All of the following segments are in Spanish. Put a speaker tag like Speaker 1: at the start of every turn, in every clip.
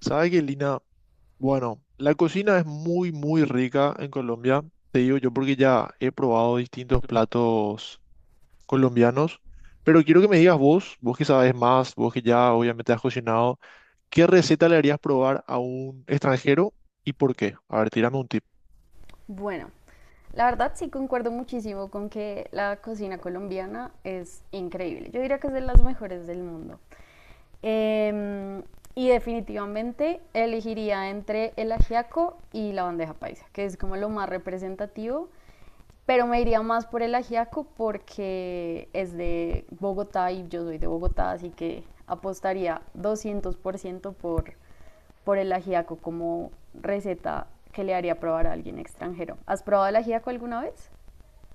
Speaker 1: ¿Sabes qué, Lina? Bueno, la cocina es muy, muy rica en Colombia. Te digo yo porque ya he probado distintos platos colombianos. Pero quiero que me digas vos, vos que sabes más, vos que ya obviamente has cocinado, ¿qué receta le harías probar a un extranjero y por qué? A ver, tírame un tip.
Speaker 2: Bueno, la verdad sí concuerdo muchísimo con que la cocina colombiana es increíble. Yo diría que es de las mejores del mundo. Em, y definitivamente elegiría entre el ajiaco y la bandeja paisa, que es como lo más representativo, pero me iría más por el ajiaco porque es de Bogotá y yo soy de Bogotá, así que apostaría 200% por el ajiaco como receta que le haría probar a alguien extranjero. ¿Has probado el ajiaco alguna vez?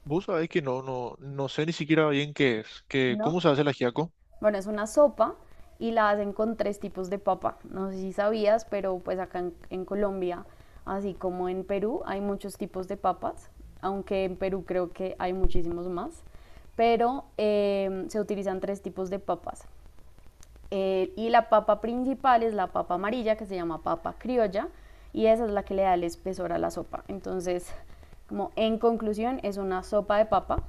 Speaker 1: Vos sabés que no, no, no sé ni siquiera bien qué es,
Speaker 2: No.
Speaker 1: ¿cómo se hace el ajiaco?
Speaker 2: Bueno, es una sopa y la hacen con tres tipos de papa. No sé si sabías, pero pues acá en Colombia, así como en Perú, hay muchos tipos de papas, aunque en Perú creo que hay muchísimos más. Pero se utilizan tres tipos de papas. Y la papa principal es la papa amarilla, que se llama papa criolla, y esa es la que le da el espesor a la sopa. Entonces, como en conclusión, es una sopa de papa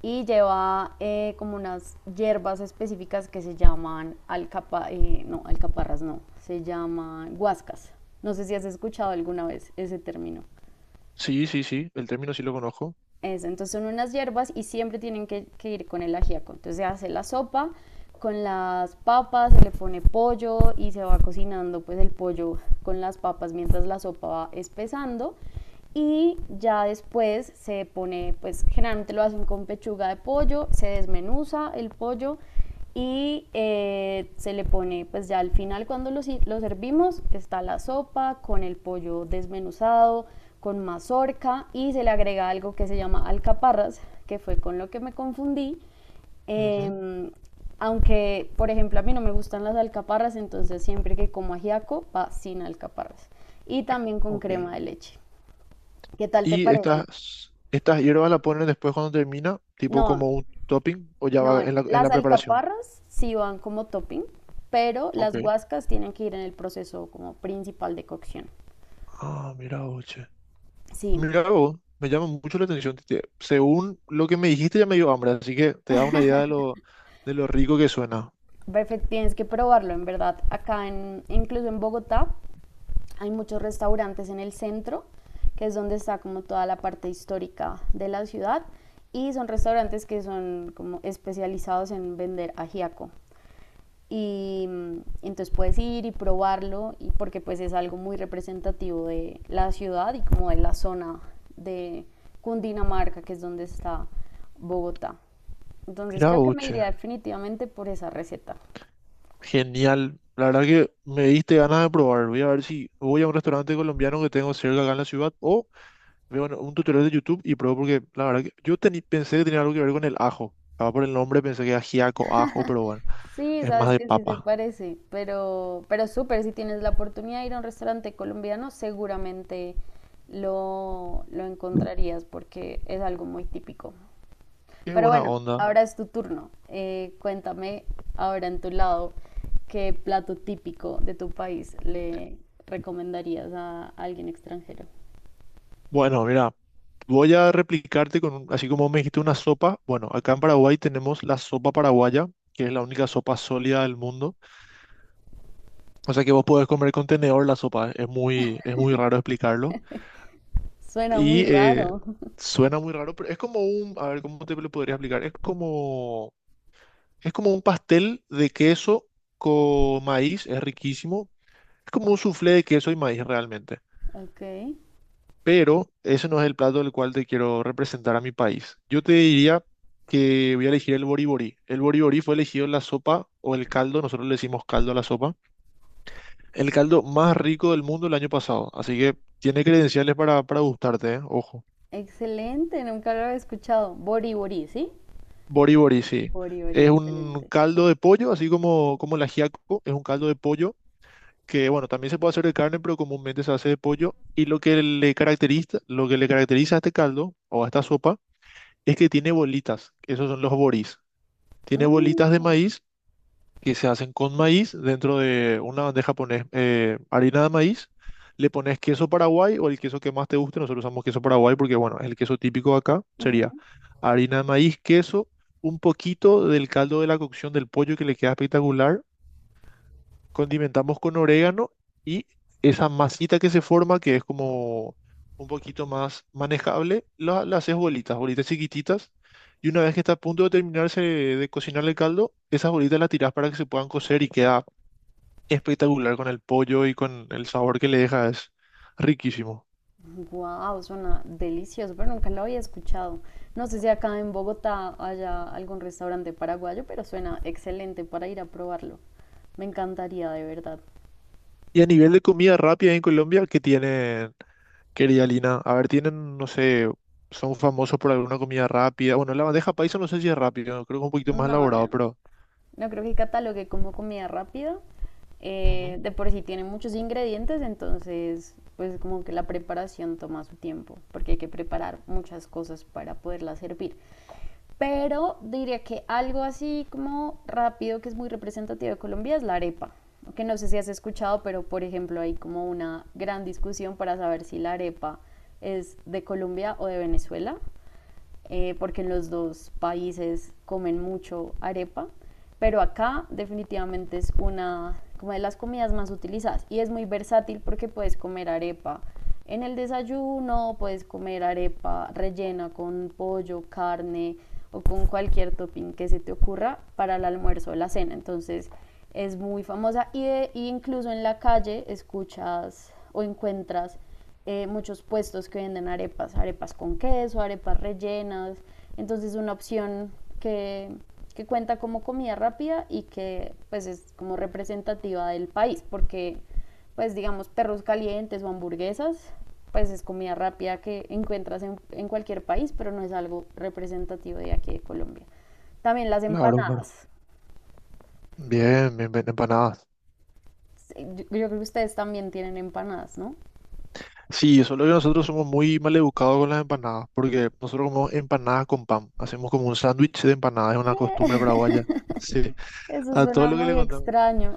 Speaker 2: y lleva como unas hierbas específicas que se llaman alcapa, no, alcaparras no, se llaman guascas. No sé si has escuchado alguna vez ese término.
Speaker 1: Sí, sí, sí, el término sí lo conozco.
Speaker 2: Eso, entonces son unas hierbas y siempre tienen que ir con el ajíaco. Entonces se hace la sopa con las papas, se le pone pollo y se va cocinando pues el pollo con las papas mientras la sopa va espesando y ya después se pone pues generalmente lo hacen con pechuga de pollo, se desmenuza el pollo y se le pone, pues ya al final cuando lo, si- lo servimos, está la sopa con el pollo desmenuzado, con mazorca y se le agrega algo que se llama alcaparras, que fue con lo que me confundí.
Speaker 1: Ujú,
Speaker 2: Em, Aunque, por ejemplo, a mí no me gustan las alcaparras, entonces siempre que como ajiaco va sin alcaparras. Y también con
Speaker 1: ok.
Speaker 2: crema de leche. ¿Qué tal te
Speaker 1: Y
Speaker 2: parece?
Speaker 1: estas hierbas la ponen después cuando termina, tipo
Speaker 2: No,
Speaker 1: como un topping, o ya
Speaker 2: no,
Speaker 1: va en la
Speaker 2: las
Speaker 1: preparación.
Speaker 2: alcaparras sí van como topping, pero
Speaker 1: Ok.
Speaker 2: las guascas tienen que ir en el proceso como principal de cocción.
Speaker 1: Ah, mira vos, che.
Speaker 2: Sí,
Speaker 1: Mira vos, me llama mucho la atención. Según lo que me dijiste ya me dio hambre, así que te da una idea de lo rico que suena.
Speaker 2: perfecto, tienes que probarlo, en verdad. Acá, incluso en Bogotá, hay muchos restaurantes en el centro, que es donde está como toda la parte histórica de la ciudad, y son restaurantes que son como especializados en vender ajiaco, y mm, entonces puedes ir y probarlo y porque pues es algo muy representativo de la ciudad y como de la zona de Cundinamarca, que es donde está Bogotá. Entonces
Speaker 1: Mira
Speaker 2: creo que
Speaker 1: vos,
Speaker 2: me
Speaker 1: che.
Speaker 2: iría definitivamente por esa receta.
Speaker 1: Genial. La verdad que me diste ganas de probar. Voy a ver si voy a un restaurante colombiano que tengo cerca acá en la ciudad, o veo un tutorial de YouTube y probé, porque la verdad que yo pensé que tenía algo que ver con el ajo. Estaba por el nombre, pensé que era ajiaco, ajo, pero bueno,
Speaker 2: Sí,
Speaker 1: es más
Speaker 2: sabes
Speaker 1: de
Speaker 2: que sí se
Speaker 1: papa.
Speaker 2: parece, pero súper, si tienes la oportunidad de ir a un restaurante colombiano, seguramente lo encontrarías porque es algo muy típico.
Speaker 1: Qué
Speaker 2: Pero
Speaker 1: buena
Speaker 2: bueno,
Speaker 1: onda.
Speaker 2: ahora es tu turno. Cuéntame ahora en tu lado qué plato típico de tu país le recomendarías a alguien extranjero.
Speaker 1: Bueno, mira, voy a replicarte así como me dijiste, una sopa. Bueno, acá en Paraguay tenemos la sopa paraguaya, que es la única sopa sólida del mundo. O sea que vos podés comer con tenedor la sopa. Es muy raro explicarlo.
Speaker 2: Suena muy
Speaker 1: Y
Speaker 2: raro.
Speaker 1: suena muy raro, pero es como a ver, ¿cómo te lo podría explicar? Es como un pastel de queso con maíz, es riquísimo. Es como un soufflé de queso y maíz realmente.
Speaker 2: Ok,
Speaker 1: Pero ese no es el plato del cual te quiero representar a mi país. Yo te diría que voy a elegir el boriborí. El boriborí fue elegido la sopa o el caldo, nosotros le decimos caldo a la sopa, el caldo más rico del mundo el año pasado. Así que tiene credenciales para gustarte, ¿eh? Ojo.
Speaker 2: excelente, nunca lo había escuchado. Bori bori, ¿sí?
Speaker 1: Boriborí, sí.
Speaker 2: Bori bori,
Speaker 1: Es un
Speaker 2: excelente.
Speaker 1: caldo de pollo, como el ajiaco, es un caldo de pollo que, bueno, también se puede hacer de carne, pero comúnmente se hace de pollo. Y lo que le caracteriza, lo que le caracteriza a este caldo o a esta sopa, es que tiene bolitas, esos son los boris. Tiene bolitas de
Speaker 2: Mm,
Speaker 1: maíz que se hacen con maíz. Dentro de una bandeja pones harina de maíz, le pones queso paraguay o el queso que más te guste, nosotros usamos queso paraguay porque bueno, es el queso típico de acá, sería
Speaker 2: ujú.
Speaker 1: harina de maíz, queso, un poquito del caldo de la cocción del pollo, que le queda espectacular, condimentamos con orégano, y esa masita que se forma, que es como un poquito más manejable, la haces bolitas, bolitas chiquititas. Y una vez que está a punto de terminarse de cocinar el caldo, esas bolitas las tirás para que se puedan cocer y queda espectacular con el pollo y con el sabor que le deja, es riquísimo.
Speaker 2: Wow, suena delicioso, pero nunca lo había escuchado. No sé si acá en Bogotá haya algún restaurante paraguayo, pero suena excelente para ir a probarlo. Me encantaría, de verdad.
Speaker 1: Y a nivel de comida rápida en Colombia, ¿qué tienen, querida Lina? A ver, tienen, no sé, son famosos por alguna comida rápida. Bueno, la bandeja paisa no sé si es rápida, creo que es un poquito más
Speaker 2: No,
Speaker 1: elaborado,
Speaker 2: no.
Speaker 1: pero...
Speaker 2: No creo que catalogue como comida rápida.
Speaker 1: Ujú.
Speaker 2: De por sí tiene muchos ingredientes, entonces pues como que la preparación toma su tiempo, porque hay que preparar muchas cosas para poderla servir. Pero diría que algo así como rápido que es muy representativo de Colombia es la arepa, que no sé si has escuchado, pero por ejemplo hay como una gran discusión para saber si la arepa es de Colombia o de Venezuela porque en los dos países comen mucho arepa, pero acá definitivamente es una como de las comidas más utilizadas y es muy versátil porque puedes comer arepa en el desayuno, puedes comer arepa rellena con pollo, carne o con cualquier topping que se te ocurra para el almuerzo o la cena. Entonces es muy famosa y incluso en la calle escuchas o encuentras muchos puestos que venden arepas, arepas con queso, arepas rellenas. Entonces es una opción que, que cuenta como comida rápida y que pues es como representativa del país, porque pues digamos perros calientes o hamburguesas, pues es comida rápida que encuentras en cualquier país, pero no es algo representativo de aquí de Colombia. También las
Speaker 1: Claro, claro.
Speaker 2: empanadas.
Speaker 1: Bien, bien, bien, empanadas.
Speaker 2: Sí, yo creo que ustedes también tienen empanadas, ¿no?
Speaker 1: Sí, solo que nosotros somos muy mal educados con las empanadas, porque nosotros comemos empanadas con pan. Hacemos como un sándwich de empanadas, es una
Speaker 2: ¿Qué?
Speaker 1: costumbre paraguaya. Sí,
Speaker 2: Eso
Speaker 1: a todo
Speaker 2: suena
Speaker 1: lo que le
Speaker 2: muy
Speaker 1: contamos.
Speaker 2: extraño.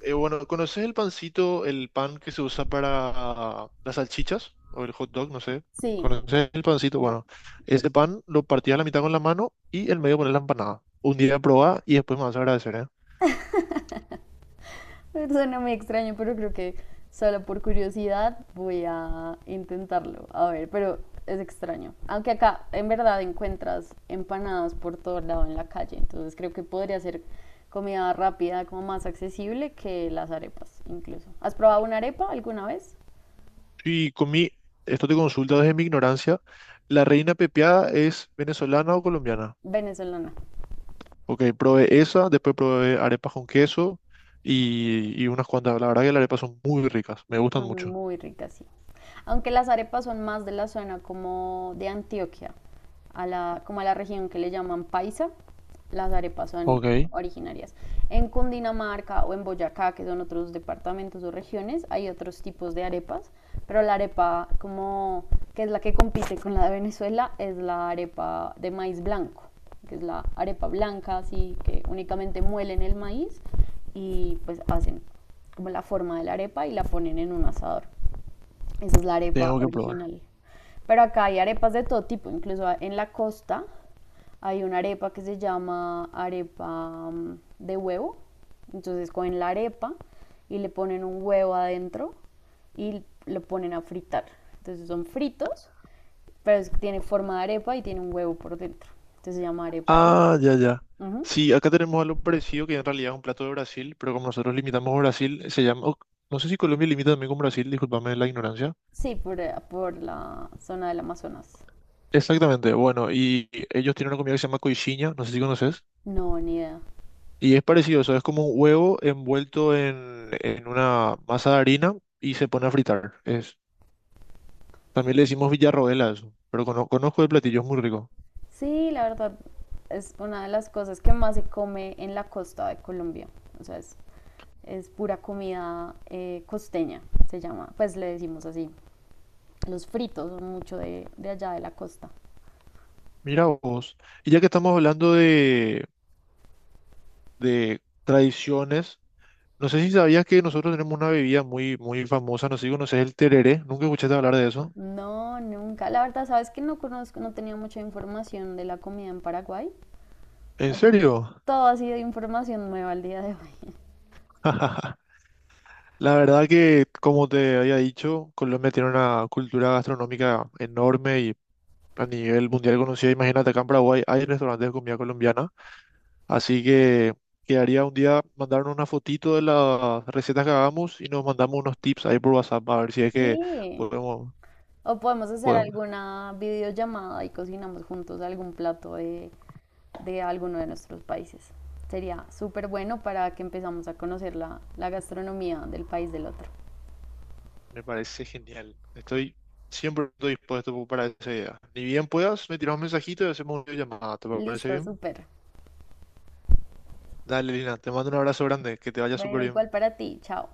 Speaker 1: Bueno, ¿conoces el pancito, el pan que se usa para las salchichas o el hot dog? No sé.
Speaker 2: Sí,
Speaker 1: ¿Conoces el pancito?
Speaker 2: como
Speaker 1: Bueno, ese pan lo partías a la mitad con la mano y el medio pones la empanada. Un día probá y después me vas a agradecer, ¿eh?
Speaker 2: suena muy extraño, pero creo que solo por curiosidad voy a intentarlo. A ver, pero es extraño. Aunque acá en verdad encuentras empanadas por todo lado en la calle, entonces creo que podría ser comida rápida, como más accesible que las arepas incluso. ¿Has probado una arepa alguna vez?
Speaker 1: Y con mi, esto te consulta desde mi ignorancia. ¿La reina pepiada es venezolana o colombiana?
Speaker 2: Venezolana.
Speaker 1: Ok, probé esa, después probé arepas con queso y unas cuantas. La verdad que las arepas son muy ricas, me gustan
Speaker 2: Son
Speaker 1: mucho.
Speaker 2: muy ricas, sí. Aunque las arepas son más de la zona como de Antioquia, como a la región que le llaman Paisa, las arepas son
Speaker 1: Ok,
Speaker 2: originarias. En Cundinamarca o en Boyacá, que son otros departamentos o regiones, hay otros tipos de arepas, pero la arepa como que es la que compite con la de Venezuela es la arepa de maíz blanco, que es la arepa blanca, así que únicamente muelen el maíz y pues hacen como la forma de la arepa y la ponen en un asador. Esa es la arepa
Speaker 1: tengo que probar.
Speaker 2: original. Pero acá hay arepas de todo tipo, incluso en la costa hay una arepa que se llama arepa de huevo. Entonces cogen la arepa y le ponen un huevo adentro y lo ponen a fritar. Entonces son fritos, pero tiene forma de arepa y tiene un huevo por dentro. Entonces se llama arepa de huevo.
Speaker 1: Ah, ya, ya.
Speaker 2: Ujú.
Speaker 1: Sí, acá tenemos algo parecido que en realidad es un plato de Brasil, pero como nosotros limitamos a Brasil, se llama... no sé si Colombia limita también con Brasil, discúlpame la ignorancia.
Speaker 2: Sí, por la zona del Amazonas.
Speaker 1: Exactamente, bueno, y ellos tienen una comida que se llama coxinha, no sé si conoces.
Speaker 2: No, ni idea.
Speaker 1: Y es parecido, o sea, es como un huevo envuelto en una masa de harina y se pone a fritar. Es, también le decimos villarroel a eso, pero conozco el platillo, es muy rico.
Speaker 2: Sí, la verdad es una de las cosas que más se come en la costa de Colombia. O sea, es pura comida costeña, se llama. Pues le decimos así. Los fritos son mucho de allá de la costa.
Speaker 1: Mira vos. Y ya que estamos hablando de tradiciones, no sé si sabías que nosotros tenemos una bebida muy, muy famosa, no sé si conoces el tereré, nunca escuchaste hablar de eso.
Speaker 2: No, nunca. La verdad, sabes que no conozco, no tenía mucha información de la comida en Paraguay.
Speaker 1: ¿En
Speaker 2: Así que
Speaker 1: serio?
Speaker 2: todo ha sido información nueva al día de hoy.
Speaker 1: La verdad que, como te había dicho, Colombia tiene una cultura gastronómica enorme a nivel mundial conocida. Imagínate, acá en Paraguay hay restaurantes de comida colombiana, así que quedaría un día mandarnos una fotito de las recetas que hagamos y nos mandamos unos tips ahí por WhatsApp, a ver si es que
Speaker 2: Sí.
Speaker 1: podemos,
Speaker 2: O podemos hacer
Speaker 1: podemos.
Speaker 2: alguna videollamada y cocinamos juntos algún plato de alguno de nuestros países. Sería súper bueno para que empezamos a conocer la gastronomía del país del otro.
Speaker 1: Me parece genial. Estoy Siempre estoy dispuesto para esa idea. Ni bien puedas, me tiras un mensajito y hacemos una llamada. ¿Te parece
Speaker 2: Listo,
Speaker 1: bien?
Speaker 2: súper.
Speaker 1: Dale, Lina, te mando un abrazo grande, que te vaya súper
Speaker 2: Bueno,
Speaker 1: bien.
Speaker 2: igual para ti. Chao.